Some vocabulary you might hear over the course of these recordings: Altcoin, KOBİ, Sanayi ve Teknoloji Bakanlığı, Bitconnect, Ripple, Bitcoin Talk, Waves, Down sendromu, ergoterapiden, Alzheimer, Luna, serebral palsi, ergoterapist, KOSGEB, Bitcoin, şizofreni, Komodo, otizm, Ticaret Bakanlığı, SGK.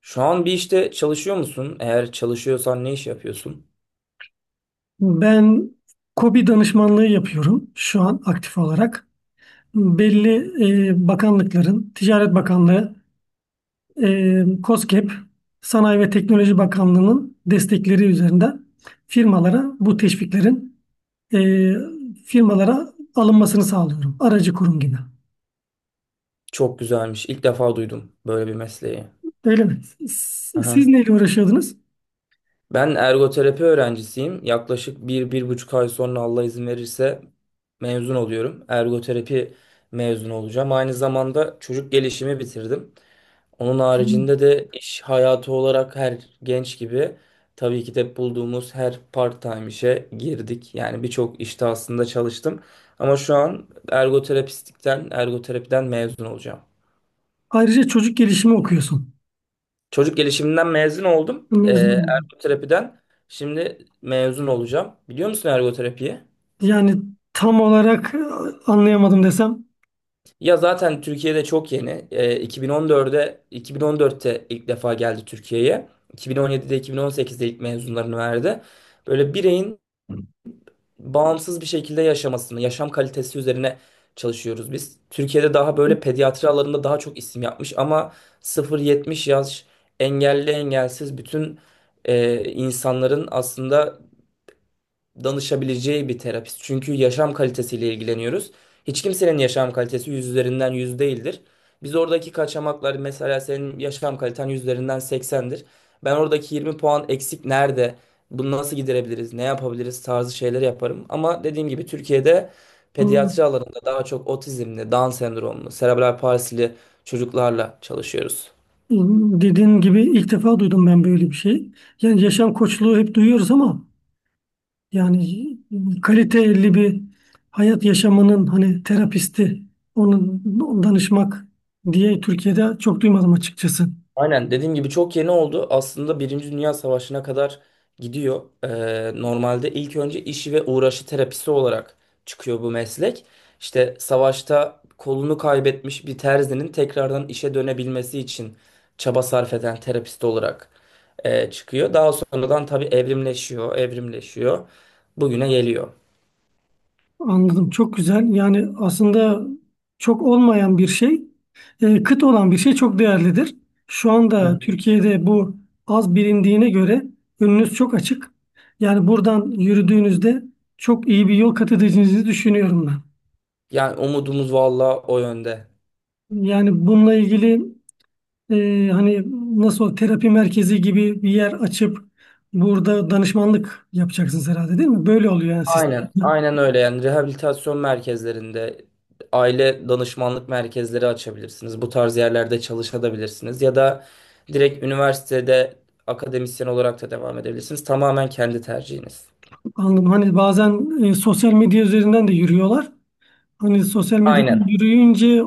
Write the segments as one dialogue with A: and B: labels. A: Şu an bir işte çalışıyor musun? Eğer çalışıyorsan ne iş yapıyorsun?
B: Ben KOBİ danışmanlığı yapıyorum şu an aktif olarak. Belli bakanlıkların, Ticaret Bakanlığı, KOSGEB, Sanayi ve Teknoloji Bakanlığı'nın destekleri üzerinden firmalara bu teşviklerin e, firmalara alınmasını sağlıyorum. Aracı kurum gibi.
A: Çok güzelmiş. İlk defa duydum böyle bir mesleği.
B: Öyle mi? Siz
A: Aha.
B: neyle uğraşıyordunuz?
A: Ben ergoterapi öğrencisiyim. Yaklaşık bir, 1,5 ay sonra Allah izin verirse mezun oluyorum. Ergoterapi mezunu olacağım. Aynı zamanda çocuk gelişimi bitirdim. Onun haricinde de iş hayatı olarak her genç gibi tabii ki de bulduğumuz her part-time işe girdik. Yani birçok işte aslında çalıştım. Ama şu an ergoterapiden mezun olacağım.
B: Ayrıca çocuk gelişimi okuyorsun.
A: Çocuk gelişiminden mezun oldum. Ee,
B: Mezun oldum.
A: ergoterapiden şimdi mezun olacağım. Biliyor musun ergoterapiyi?
B: Yani tam olarak anlayamadım desem.
A: Ya zaten Türkiye'de çok yeni. 2014'te ilk defa geldi Türkiye'ye. 2017'de 2018'de ilk mezunlarını verdi. Böyle bireyin bağımsız bir şekilde yaşamasını, yaşam kalitesi üzerine çalışıyoruz biz. Türkiye'de daha böyle pediatri alanında daha çok isim yapmış ama 0-70 yaş engelli engelsiz bütün insanların aslında danışabileceği bir terapist. Çünkü yaşam kalitesiyle ilgileniyoruz. Hiç kimsenin yaşam kalitesi yüz üzerinden yüz değildir. Biz oradaki kaçamaklar, mesela senin yaşam kaliten yüz üzerinden 80'dir. Ben oradaki 20 puan eksik nerede? Bunu nasıl giderebiliriz? Ne yapabiliriz? Tarzı şeyler yaparım. Ama dediğim gibi Türkiye'de pediatri alanında daha çok otizmli, Down sendromlu, serebral palsili çocuklarla çalışıyoruz.
B: Dediğin gibi ilk defa duydum ben böyle bir şey. Yani yaşam koçluğu hep duyuyoruz ama yani kaliteli bir hayat yaşamının hani terapisti, onun danışmak diye Türkiye'de çok duymadım açıkçası.
A: Aynen dediğim gibi çok yeni oldu. Aslında Birinci Dünya Savaşı'na kadar gidiyor. Normalde ilk önce işi ve uğraşı terapisi olarak çıkıyor bu meslek. İşte savaşta kolunu kaybetmiş bir terzinin tekrardan işe dönebilmesi için çaba sarf eden terapist olarak çıkıyor. Daha sonradan tabii evrimleşiyor, evrimleşiyor. Bugüne geliyor.
B: Anladım. Çok güzel. Yani aslında çok olmayan bir şey, kıt olan bir şey çok değerlidir. Şu
A: Hı
B: anda
A: hı.
B: Türkiye'de bu az bilindiğine göre önünüz çok açık. Yani buradan yürüdüğünüzde çok iyi bir yol kat edeceğinizi düşünüyorum ben.
A: Yani umudumuz valla o yönde.
B: Yani bununla ilgili hani nasıl terapi merkezi gibi bir yer açıp burada danışmanlık yapacaksınız herhalde değil mi? Böyle oluyor yani
A: Aynen,
B: sistemde.
A: aynen öyle, yani rehabilitasyon merkezlerinde, aile danışmanlık merkezleri açabilirsiniz. Bu tarz yerlerde çalışabilirsiniz ya da direkt üniversitede akademisyen olarak da devam edebilirsiniz. Tamamen kendi tercihiniz.
B: Anladım. Hani bazen sosyal medya üzerinden de yürüyorlar. Hani sosyal medyada
A: Aynen.
B: yürüyünce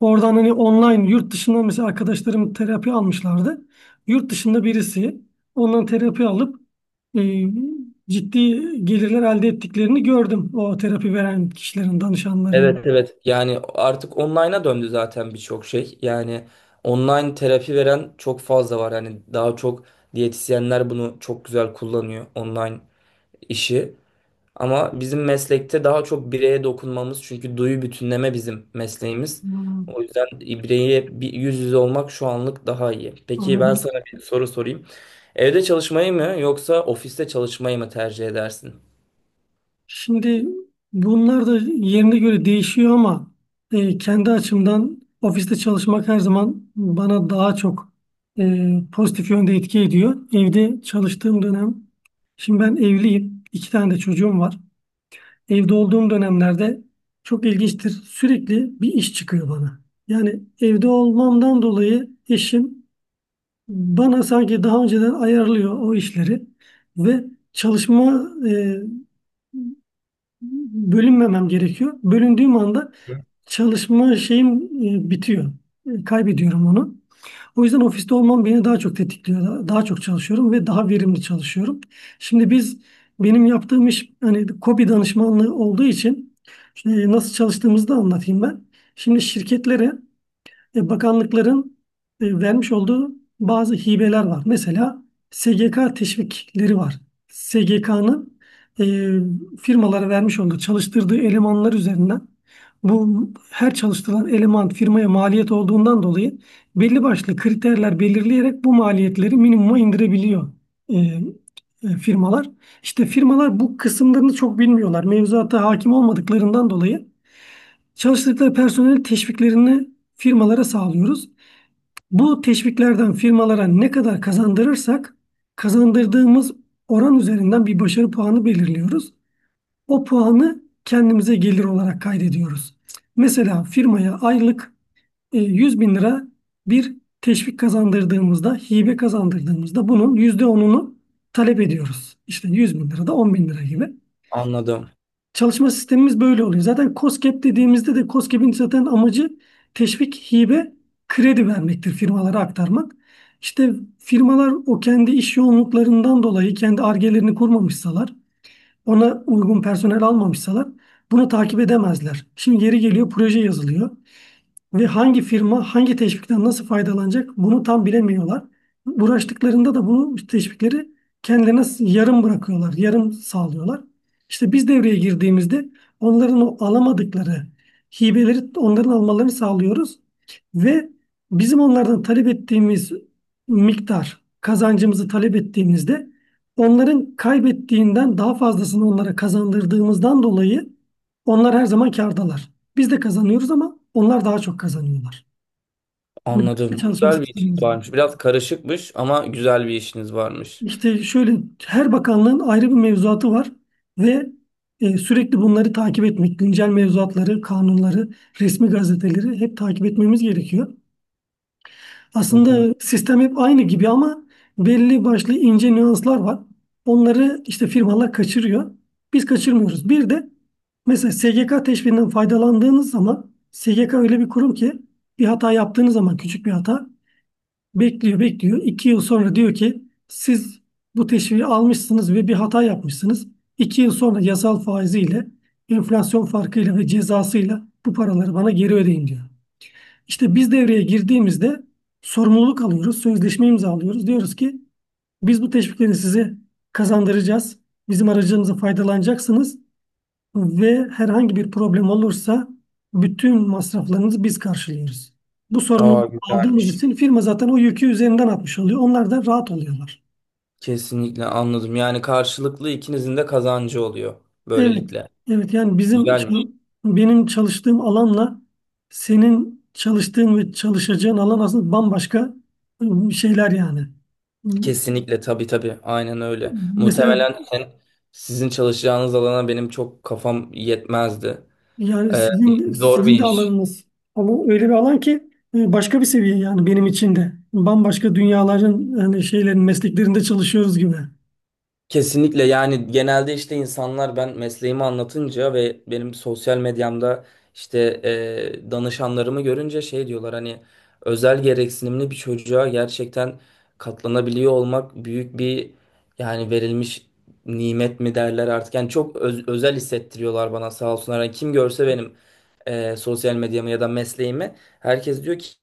B: oradan hani online yurt dışından mesela arkadaşlarım terapi almışlardı. Yurt dışında birisi ondan terapi alıp e, ciddi gelirler elde ettiklerini gördüm. O terapi veren kişilerin, danışanların.
A: Evet, evet. Yani artık online'a döndü zaten birçok şey. Yani online terapi veren çok fazla var. Yani daha çok diyetisyenler bunu çok güzel kullanıyor online işi. Ama bizim meslekte daha çok bireye dokunmamız, çünkü duyu bütünleme bizim mesleğimiz.
B: Hmm,
A: O yüzden bireye bir yüz yüze olmak şu anlık daha iyi. Peki ben
B: Anladım.
A: sana bir soru sorayım. Evde çalışmayı mı yoksa ofiste çalışmayı mı tercih edersin?
B: Şimdi bunlar da yerine göre değişiyor ama kendi açımdan ofiste çalışmak her zaman bana daha çok pozitif yönde etki ediyor. Evde çalıştığım dönem, şimdi ben evliyim, iki tane de çocuğum var. Evde olduğum dönemlerde çok ilginçtir. Sürekli bir iş çıkıyor bana. Yani evde olmamdan dolayı eşim bana sanki daha önceden ayarlıyor o işleri ve çalışma bölünmemem gerekiyor. Bölündüğüm anda çalışma şeyim bitiyor. Kaybediyorum onu. O yüzden ofiste olmam beni daha çok tetikliyor. Daha çok çalışıyorum ve daha verimli çalışıyorum. Şimdi biz benim yaptığım iş hani KOBİ danışmanlığı olduğu için nasıl çalıştığımızı da anlatayım ben. Şimdi şirketlere bakanlıkların vermiş olduğu bazı hibeler var. Mesela SGK teşvikleri var. SGK'nın e, firmalara vermiş olduğu çalıştırdığı elemanlar üzerinden bu her çalıştırılan eleman firmaya maliyet olduğundan dolayı belli başlı kriterler belirleyerek bu maliyetleri minimuma indirebiliyor e, firmalar. İşte firmalar bu kısımlarını çok bilmiyorlar. Mevzuata hakim olmadıklarından dolayı çalıştıkları personel teşviklerini firmalara sağlıyoruz. Bu teşviklerden firmalara ne kadar kazandırırsak kazandırdığımız oran üzerinden bir başarı puanı belirliyoruz. O puanı kendimize gelir olarak kaydediyoruz. Mesela firmaya aylık 100 bin lira bir teşvik kazandırdığımızda, hibe kazandırdığımızda bunun %10'unu talep ediyoruz. İşte 100 bin lira da 10 bin lira gibi.
A: Anladım,
B: Çalışma sistemimiz böyle oluyor. Zaten KOSGEB dediğimizde de KOSGEB'in zaten amacı teşvik, hibe, kredi vermektir firmalara aktarmak. İşte firmalar o kendi iş yoğunluklarından dolayı kendi argelerini kurmamışsalar, ona uygun personel almamışsalar bunu takip edemezler. Şimdi yeri geliyor proje yazılıyor ve hangi firma hangi teşvikten nasıl faydalanacak bunu tam bilemiyorlar. Uğraştıklarında da bu teşvikleri kendilerine yarım bırakıyorlar, yarım sağlıyorlar. İşte biz devreye girdiğimizde onların o alamadıkları hibeleri onların almalarını sağlıyoruz ve bizim onlardan talep ettiğimiz miktar kazancımızı talep ettiğimizde onların kaybettiğinden daha fazlasını onlara kazandırdığımızdan dolayı onlar her zaman kârdalar. Biz de kazanıyoruz ama onlar daha çok kazanıyorlar. Hani böyle bir
A: anladım.
B: çalışma
A: Güzel bir işiniz
B: sistemimiz var.
A: varmış. Biraz karışıkmış ama güzel bir işiniz varmış.
B: İşte şöyle her bakanlığın ayrı bir mevzuatı var ve sürekli bunları takip etmek, güncel mevzuatları, kanunları, resmi gazeteleri hep takip etmemiz gerekiyor.
A: Hı hı.
B: Aslında sistem hep aynı gibi ama belli başlı ince nüanslar var. Onları işte firmalar kaçırıyor. Biz kaçırmıyoruz. Bir de mesela SGK teşviğinden faydalandığınız zaman SGK öyle bir kurum ki bir hata yaptığınız zaman küçük bir hata bekliyor, bekliyor. İki yıl sonra diyor ki siz bu teşviği almışsınız ve bir hata yapmışsınız. İki yıl sonra yasal faiziyle, enflasyon farkıyla ve cezasıyla bu paraları bana geri ödeyin diyor. İşte biz devreye girdiğimizde sorumluluk alıyoruz, sözleşme imzalıyoruz. Diyoruz ki biz bu teşvikleri size kazandıracağız. Bizim aracımıza faydalanacaksınız ve herhangi bir problem olursa bütün masraflarınızı biz karşılıyoruz. Bu sorumluluğu
A: Aa,
B: aldığımız
A: güzelmiş.
B: için firma zaten o yükü üzerinden atmış oluyor. Onlar da rahat oluyorlar.
A: Kesinlikle anladım. Yani karşılıklı ikinizin de kazancı oluyor
B: Evet.
A: böylelikle.
B: Evet, yani
A: Güzel mi?
B: benim çalıştığım alanla senin çalıştığın ve çalışacağın alan aslında bambaşka şeyler yani.
A: Kesinlikle, tabii tabii, aynen öyle.
B: Mesela
A: Muhtemelen sen, sizin çalışacağınız alana benim çok kafam yetmezdi.
B: yani
A: Ee,
B: sizin,
A: zor bir
B: sizin de
A: iş.
B: alanınız. Ama öyle bir alan ki başka bir seviye yani benim için de. Bambaşka dünyaların yani şeylerin mesleklerinde çalışıyoruz gibi.
A: Kesinlikle, yani genelde işte insanlar ben mesleğimi anlatınca ve benim sosyal medyamda işte danışanlarımı görünce şey diyorlar, hani özel gereksinimli bir çocuğa gerçekten katlanabiliyor olmak büyük bir, yani verilmiş nimet mi derler artık, yani çok özel hissettiriyorlar bana, sağ olsunlar. Hani kim görse benim sosyal medyamı ya da mesleğimi, herkes diyor ki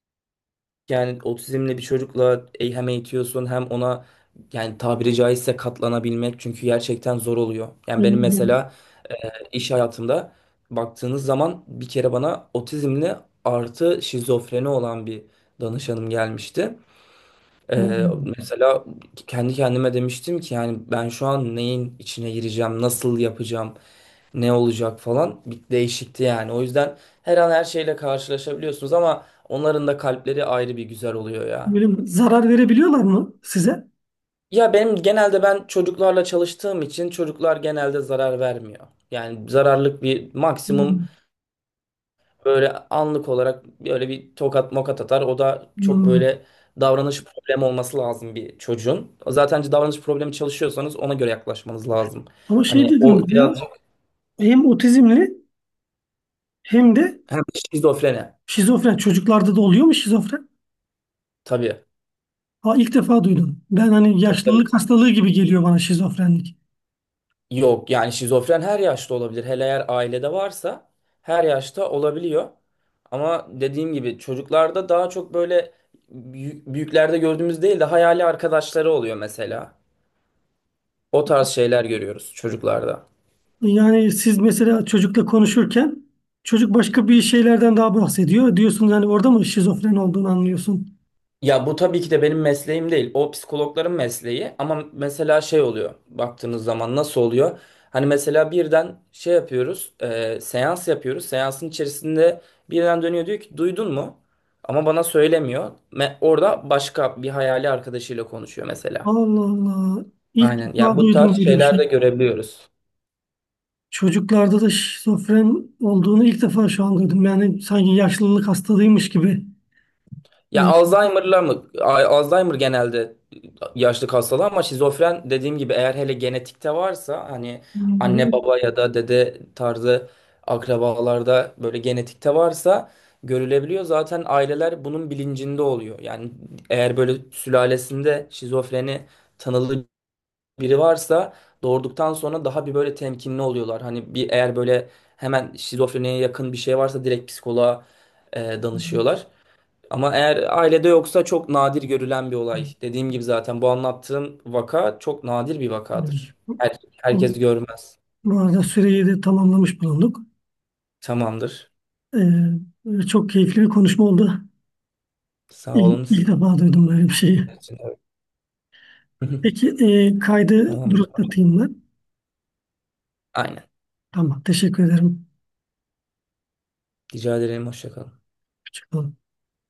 A: yani otizmli bir çocukla hem eğitiyorsun hem ona yani tabiri caizse katlanabilmek, çünkü gerçekten zor oluyor. Yani
B: Yani-
A: benim
B: yani-
A: mesela e, iş hayatımda baktığınız zaman bir kere bana otizmli artı şizofreni olan bir danışanım gelmişti. Ee, mesela kendi kendime demiştim ki, yani ben şu an neyin içine gireceğim, nasıl yapacağım, ne olacak falan, bir değişikti yani. O yüzden her an her şeyle karşılaşabiliyorsunuz, ama onların da kalpleri ayrı bir güzel oluyor ya.
B: Böyle mi? Zarar verebiliyorlar mı size?
A: Ya benim, genelde ben çocuklarla çalıştığım için, çocuklar genelde zarar vermiyor. Yani zararlık bir maksimum.
B: Hmm.
A: Böyle anlık olarak böyle bir tokat mokat atar. O da çok
B: Hmm.
A: böyle davranış problemi olması lazım bir çocuğun. Zaten davranış problemi çalışıyorsanız ona göre yaklaşmanız lazım.
B: Ama şey
A: Hani o
B: dediniz ya,
A: birazcık
B: hem otizmli hem de
A: hem şizofreni.
B: şizofren. Çocuklarda da oluyor mu şizofren?
A: Tabii,
B: Ha, ilk defa duydum. Ben hani
A: tabii, tabii.
B: yaşlılık hastalığı gibi geliyor bana şizofrenlik.
A: Yok yani şizofren her yaşta olabilir. Hele eğer ailede varsa her yaşta olabiliyor. Ama dediğim gibi çocuklarda daha çok böyle büyüklerde gördüğümüz değil de hayali arkadaşları oluyor mesela. O tarz şeyler görüyoruz çocuklarda.
B: Yani siz mesela çocukla konuşurken çocuk başka bir şeylerden daha bahsediyor. Diyorsunuz hani orada mı şizofren olduğunu anlıyorsun.
A: Ya bu tabii ki de benim mesleğim değil. O psikologların mesleği. Ama mesela şey oluyor. Baktığınız zaman nasıl oluyor? Hani mesela birden şey yapıyoruz. Seans yapıyoruz. Seansın içerisinde birden dönüyor, diyor ki duydun mu? Ama bana söylemiyor. Orada başka bir hayali arkadaşıyla konuşuyor mesela.
B: Allah Allah. İlk
A: Aynen. Yani
B: defa
A: bu tarz
B: duydum böyle bir
A: şeyler
B: şey.
A: de görebiliyoruz.
B: Çocuklarda da şizofren olduğunu ilk defa şu an duydum. Yani sanki yaşlılık hastalığıymış gibi.
A: Ya
B: Ee,
A: Alzheimer'la mı? Alzheimer genelde yaşlık hastalığı, ama şizofren dediğim gibi, eğer hele genetikte varsa, hani anne
B: bu-
A: baba ya da dede tarzı akrabalarda böyle genetikte varsa görülebiliyor. Zaten aileler bunun bilincinde oluyor. Yani eğer böyle sülalesinde şizofreni tanılı biri varsa, doğurduktan sonra daha bir böyle temkinli oluyorlar. Hani bir eğer böyle hemen şizofreniye yakın bir şey varsa direkt psikoloğa danışıyorlar. Ama eğer ailede yoksa çok nadir görülen bir olay. Dediğim gibi zaten bu anlattığım vaka çok nadir bir
B: Evet.
A: vakadır.
B: Bu
A: Herkes görmez.
B: bu arada süreyi de tamamlamış bulunduk.
A: Tamamdır.
B: Çok keyifli bir konuşma oldu.
A: Sağ
B: İlk,
A: olun
B: ilk
A: sizin
B: defa duydum böyle bir şeyi.
A: için. Evet.
B: Peki kaydı
A: Tamamdır.
B: duraklatayım ben.
A: Aynen.
B: Tamam, teşekkür ederim.
A: Rica ederim. Hoşça kalın.
B: Hoşça kalın.